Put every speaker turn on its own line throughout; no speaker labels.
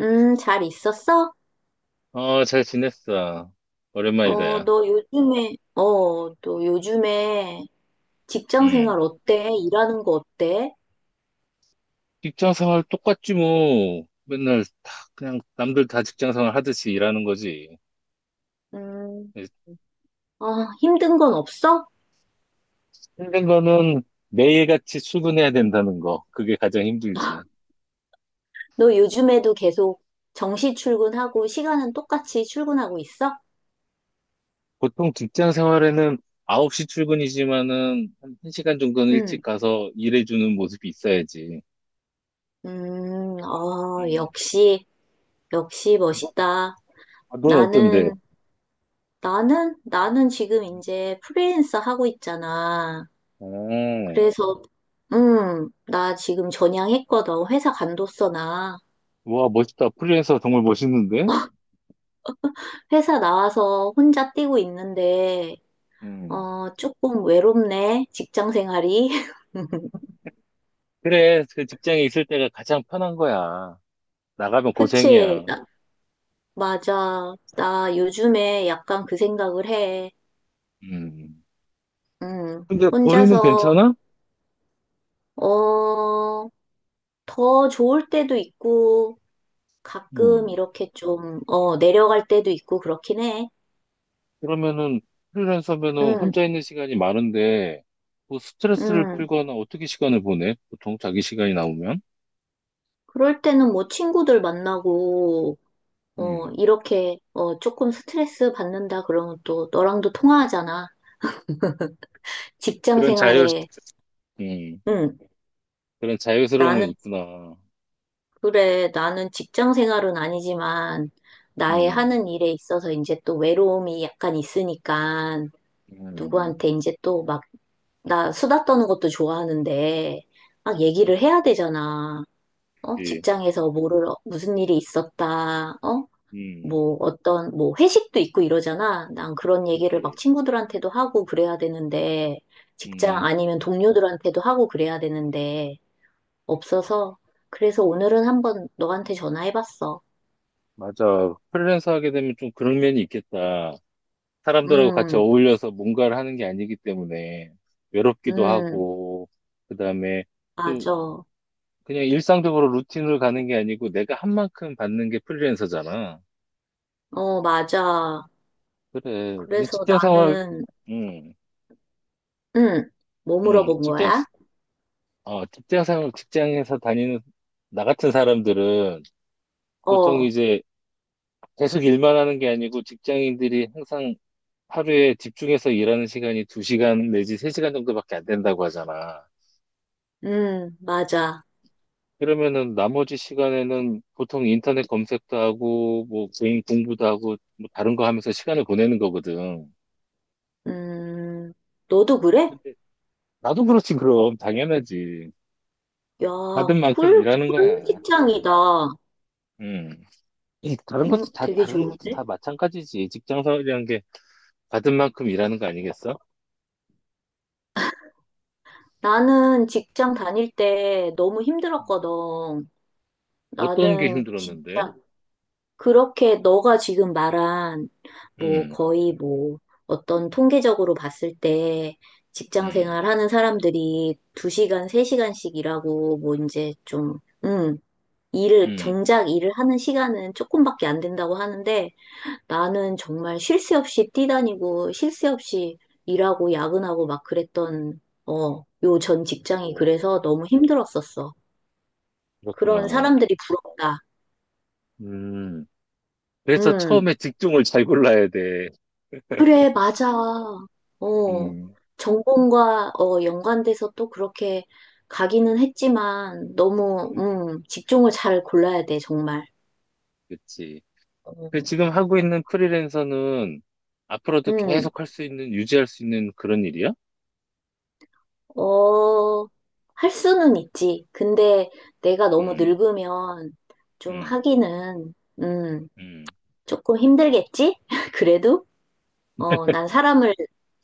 잘 있었어?
어, 잘 지냈어. 오랜만이다,
어,
야.
너 요즘에 직장
음
생활 어때? 일하는 거 어때?
직장 생활 똑같지, 뭐. 맨날 다, 그냥 남들 다 직장 생활 하듯이 일하는 거지.
음, 아, 힘든 건 없어?
힘든 거는 매일같이 출근해야 된다는 거. 그게 가장 힘들지.
너 요즘에도 계속 정시 출근하고 시간은 똑같이 출근하고 있어?
보통 직장 생활에는 9시 출근이지만은 한 1시간 정도는 일찍
응.
가서 일해주는 모습이 있어야지.
음, 어,
음.
역시, 역시
너,
멋있다.
아, 넌 어떤데?
나는, 나는 지금 이제 프리랜서 하고 있잖아.
음.
그래서, 나 지금 전향했거든. 회사 간뒀어, 나.
와, 멋있다. 프리랜서 정말 멋있는데?
회사 나와서 혼자 뛰고 있는데,
음.
조금 외롭네. 직장 생활이.
그래, 그 직장에 있을 때가 가장 편한 거야. 나가면
그치?
고생이야.
맞아. 나 요즘에 약간 그 생각을 해.
음.
음,
근데 벌이는
혼자서,
괜찮아?
어, 더 좋을 때도 있고, 가끔
음.
이렇게 좀 내려갈 때도 있고, 그렇긴 해.
그러면은 프리랜서면은
음.
혼자 있는 시간이 많은데 뭐 스트레스를
음.
풀거나 어떻게 시간을 보내? 보통 자기 시간이 나오면?
그럴 때는 뭐 친구들 만나고,
음.
조금 스트레스 받는다 그러면 또 너랑도 통화하잖아. 직장
그런 자유,
생활에,
음.
응,
그런 자유스러움은
나는,
있구나.
그래, 나는 직장 생활은 아니지만, 나의
음.
하는 일에 있어서 이제 또 외로움이 약간 있으니까,
음.
누구한테 이제 또 막, 나 수다 떠는 것도 좋아하는데, 막 얘기를 해야 되잖아.
그치.
직장에서 뭐를, 무슨 일이 있었다.
음.
뭐 어떤 뭐 회식도 있고 이러잖아. 난 그런 얘기를 막
그치.
친구들한테도 하고 그래야 되는데 직장
음.
아니면 동료들한테도 하고 그래야 되는데 없어서 그래서 오늘은 한번 너한테 전화해봤어.
맞아. 프리랜서 하게 되면 좀 그런 면이 있겠다. 사람들하고 같이
음,
어울려서 뭔가를 하는 게 아니기 때문에 외롭기도
음,
하고, 그다음에 또
맞아.
그냥 일상적으로 루틴을 가는 게 아니고 내가 한 만큼 받는 게 프리랜서잖아.
어, 맞아.
그래. 우리
그래서
직장 생활,
나는
응
음, 뭐
응
물어본
직장,
거야?
어, 직장 생활, 직장에서 다니는 나 같은 사람들은 보통
어,
이제 계속 일만 하는 게 아니고 직장인들이 항상 하루에 집중해서 일하는 시간이 2시간 내지 3시간 정도밖에 안 된다고 하잖아.
맞아.
그러면은 나머지 시간에는 보통 인터넷 검색도 하고, 뭐, 개인 공부도 하고, 뭐, 다른 거 하면서 시간을 보내는 거거든.
음, 너도 그래?
근데 나도 그렇지, 그럼. 당연하지.
야,
받은 만큼 일하는 거야.
꿀 직장이다.
음. 이 다른 것도 다,
되게
다른 것도
좋은데?
다 마찬가지지. 직장 생활이란 게 받은 만큼 일하는 거 아니겠어?
나는 직장 다닐 때 너무
음.
힘들었거든.
어떤 게
나는 진짜
힘들었는데?
그렇게 너가 지금 말한 뭐
음,
거의 뭐 어떤 통계적으로 봤을 때 직장
음,
생활 하는 사람들이 2시간, 3시간씩 일하고 뭐 이제 좀, 음, 일을,
음.
정작 일을 하는 시간은 조금밖에 안 된다고 하는데 나는 정말 쉴 새 없이 뛰다니고, 쉴 새 없이 일하고, 야근하고 막 그랬던, 요 전 직장이
오,
그래서 너무 힘들었었어. 그런
그렇구나.
사람들이 부럽다.
음. 그래서
음,
처음에 직종을 잘 골라야 돼.
그래, 맞아. 어,
음,
전공과, 연관돼서 또 그렇게 가기는 했지만, 직종을 잘 골라야 돼, 정말.
그치. 그
어,
지금 하고 있는 프리랜서는 앞으로도
음,
계속 할 수 있는, 유지할 수 있는 그런 일이야?
어, 할 수는 있지. 근데 내가 너무
음,
늙으면 좀
음,
하기는, 음,
음.
조금 힘들겠지? 그래도? 어, 난 사람을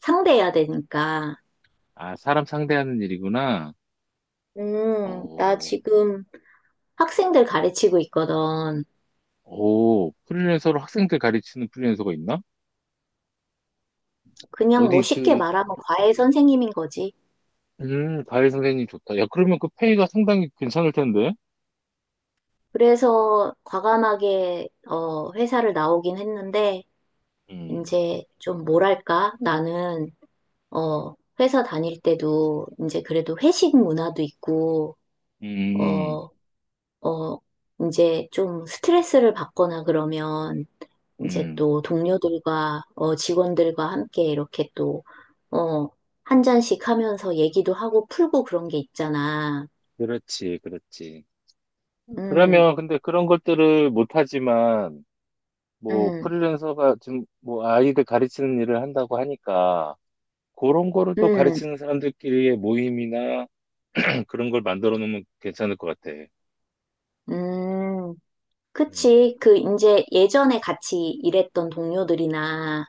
상대해야 되니까.
아, 사람 상대하는 일이구나.
나
어,
지금 학생들 가르치고 있거든.
오, 프리랜서로 학생들 가르치는 프리랜서가 있나?
그냥 뭐
어디
쉽게
그,
말하면 과외 선생님인 거지.
과외 선생님 좋다. 야, 그러면 그 페이가 상당히 괜찮을 텐데?
그래서 과감하게 회사를 나오긴 했는데,
음,
이제 좀 뭐랄까? 나는 회사 다닐 때도 이제 그래도 회식 문화도 있고,
음,
어, 어, 이제 좀 스트레스를 받거나 그러면 이제
음.
또 동료들과 직원들과 함께 이렇게 또, 어, 한 잔씩 하면서 얘기도 하고 풀고 그런 게 있잖아.
그렇지, 그렇지.
음.
그러면 근데 그런 것들을 못하지만, 뭐,
음,
프리랜서가 지금 뭐 아이들 가르치는 일을 한다고 하니까, 그런 거를 또
음,
가르치는 사람들끼리의 모임이나 그런 걸 만들어 놓으면 괜찮을 것 같아.
음.
음,
그치. 그, 이제 예전에 같이 일했던 동료들이나,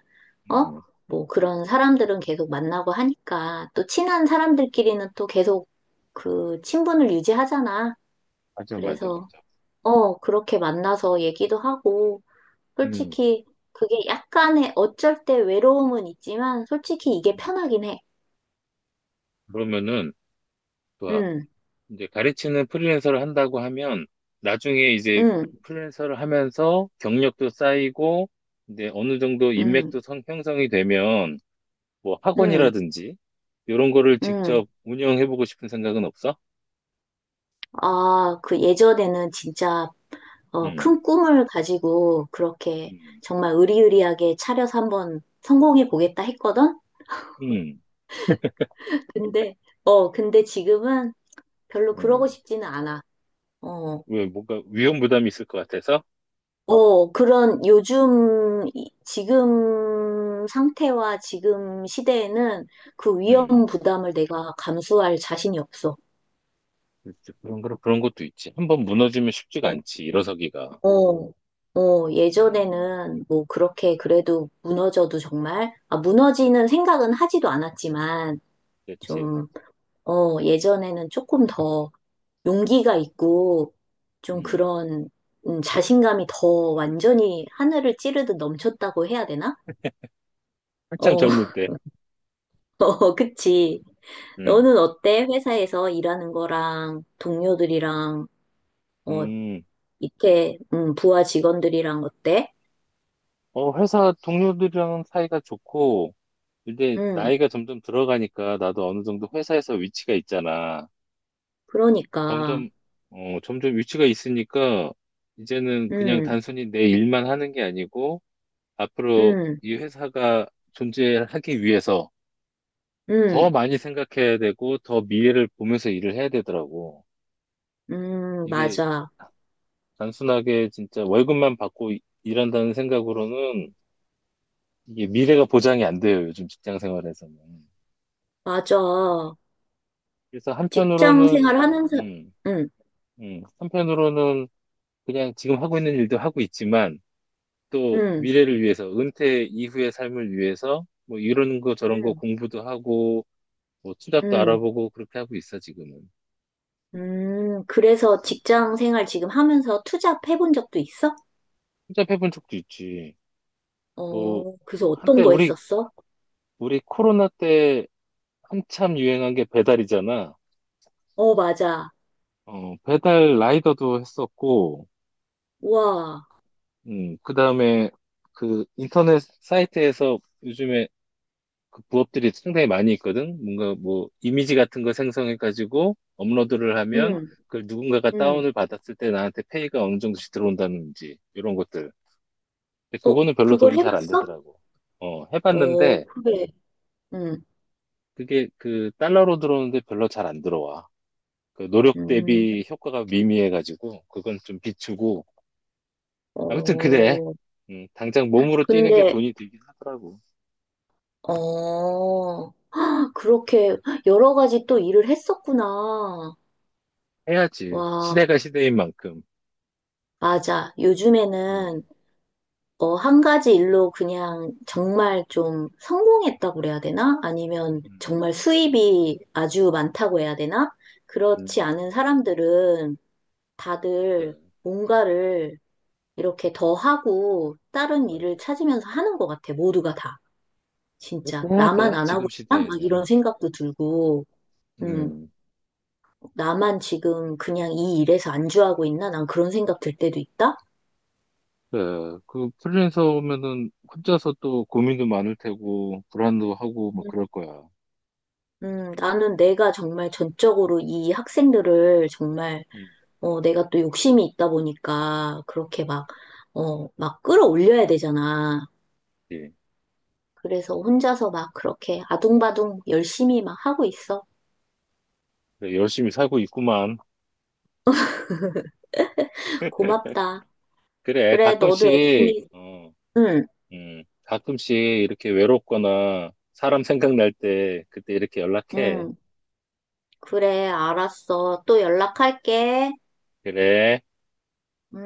어?
음.
뭐 그런 사람들은 계속 만나고 하니까, 또 친한 사람들끼리는 또 계속 그 친분을 유지하잖아.
맞아, 맞아,
그래서,
맞아.
어, 그렇게 만나서 얘기도 하고,
음.
솔직히 그게 약간의 어쩔 때 외로움은 있지만, 솔직히 이게
음.
편하긴 해.
그러면은, 좋아.
응,
이제 가르치는 프리랜서를 한다고 하면, 나중에 이제
응,
프리랜서를 하면서 경력도 쌓이고, 이제 어느 정도
응,
인맥도 형성이 되면, 뭐
응,
학원이라든지, 이런 거를
응.
직접 운영해보고 싶은 생각은 없어?
아, 그 예전에는 진짜
음,
큰 꿈을 가지고 그렇게
음,
정말 의리의리하게 차려서 한번 성공해 보겠다 했거든?
음,
근데, 근데 지금은 별로 그러고
음.
싶지는 않아. 어,
왜, 뭔가 위험 부담이 있을 것 같아서?
그런 지금 상태와 지금 시대에는 그 위험
음,
부담을 내가 감수할 자신이 없어.
렇지 그런, 그런 것도 있지. 한 번 무너지면 쉽지가
어,
않지, 일어서기가.
어,
음,
예전에는 뭐 그렇게
음,
그래도 무너져도 정말, 무너지는 생각은 하지도 않았지만,
그렇지.
좀 예전에는 조금 더 용기가 있고 좀
음,
그런 자신감이 더 완전히 하늘을 찌르듯 넘쳤다고 해야 되나?
한참
어,
젊을 때.
어, 그치.
음,
너는 어때? 회사에서 일하는 거랑 동료들이랑 어,
음,
밑에 부하 직원들이랑 어때?
어, 회사 동료들이랑 사이가 좋고, 근데
음,
나이가 점점 들어가니까 나도 어느 정도 회사에서 위치가 있잖아.
그러니까.
점점, 어, 점점 위치가 있으니까, 이제는 그냥
음,
단순히 내 일만 하는 게 아니고, 앞으로
음,
이 회사가 존재하기 위해서, 더
음,
많이 생각해야 되고, 더 미래를 보면서 일을 해야 되더라고. 이게
맞아.
단순하게 진짜 월급만 받고 일한다는 생각으로는 이게 미래가 보장이 안 돼요, 요즘 직장 생활에서는.
맞아.
그래서
직장
한편으로는,
생활 하는 사,
음,
음,
한편으로는 그냥 지금 하고 있는 일도 하고 있지만, 또
음,
미래를 위해서, 은퇴 이후의 삶을 위해서, 뭐 이런 거 저런 거
음,
공부도 하고, 뭐 투잡도
음.
알아보고 그렇게 하고 있어, 지금은.
그래서 직장 생활 지금 하면서 투잡 해본 적도 있어?
투잡해본 적도 있지. 뭐,
어, 그래서 어떤
한때
거
우리
했었어?
우리 코로나 때 한참 유행한 게 배달이잖아.
어, 맞아.
어, 배달 라이더도 했었고,
와,
그 다음에 그 인터넷 사이트에서 요즘에 그 부업들이 상당히 많이 있거든. 뭔가 뭐 이미지 같은 거 생성해가지고 업로드를
응.
하면 그걸 누군가가
응.
다운을 받았을 때 나한테 페이가 어느 정도씩 들어온다든지 이런 것들. 근데
어,
그거는 별로
그걸
돈이 잘 안
해봤어?
되더라고. 어,
어,
해봤는데
그래. 응.
그게 그 달러로 들어오는데 별로 잘 안 들어와. 그 노력
음.
대비 효과가 미미해가지고 그건 좀 비추고 아무튼 그래.
어,
당장 몸으로 뛰는 게
근데,
돈이 들긴 하더라고.
어, 아, 그렇게 여러 가지 또 일을 했었구나.
해야지.
와,
시대가 시대인 만큼.
맞아. 요즘에는
음,
한 가지 일로 그냥 정말 좀 성공했다고 그래야 되나? 아니면
음.
정말 수입이 아주 많다고 해야 되나? 그렇지
음,
않은 사람들은
네,
다들 뭔가를 이렇게 더 하고 다른 일을
맞아.
찾으면서 하는 것 같아, 모두가 다.
그렇게
진짜.
해야
나만
돼.
안
지금
하고 있나? 막 이런
시대에는.
생각도 들고, 음,
음.
나만 지금 그냥 이 일에서 안주하고 있나? 난 그런 생각 들 때도 있다?
그그 프리랜서 오면은 혼자서 또 고민도 많을 테고 불안도 하고 뭐 그럴 거야.
나는 내가 정말 전적으로 이 학생들을 정말
음.
내가 또 욕심이 있다 보니까 그렇게 막, 막 끌어올려야 되잖아.
예.
그래서 혼자서 막 그렇게 아둥바둥 열심히 막 하고 있어.
그래, 열심히 살고 있구만.
고맙다.
그래.
그래, 너도
가끔씩
열심히,
어,
응.
가끔씩 이렇게 외롭거나 사람 생각날 때 그때 이렇게 연락해.
응. 그래, 알았어. 또 연락할게.
그래.
음.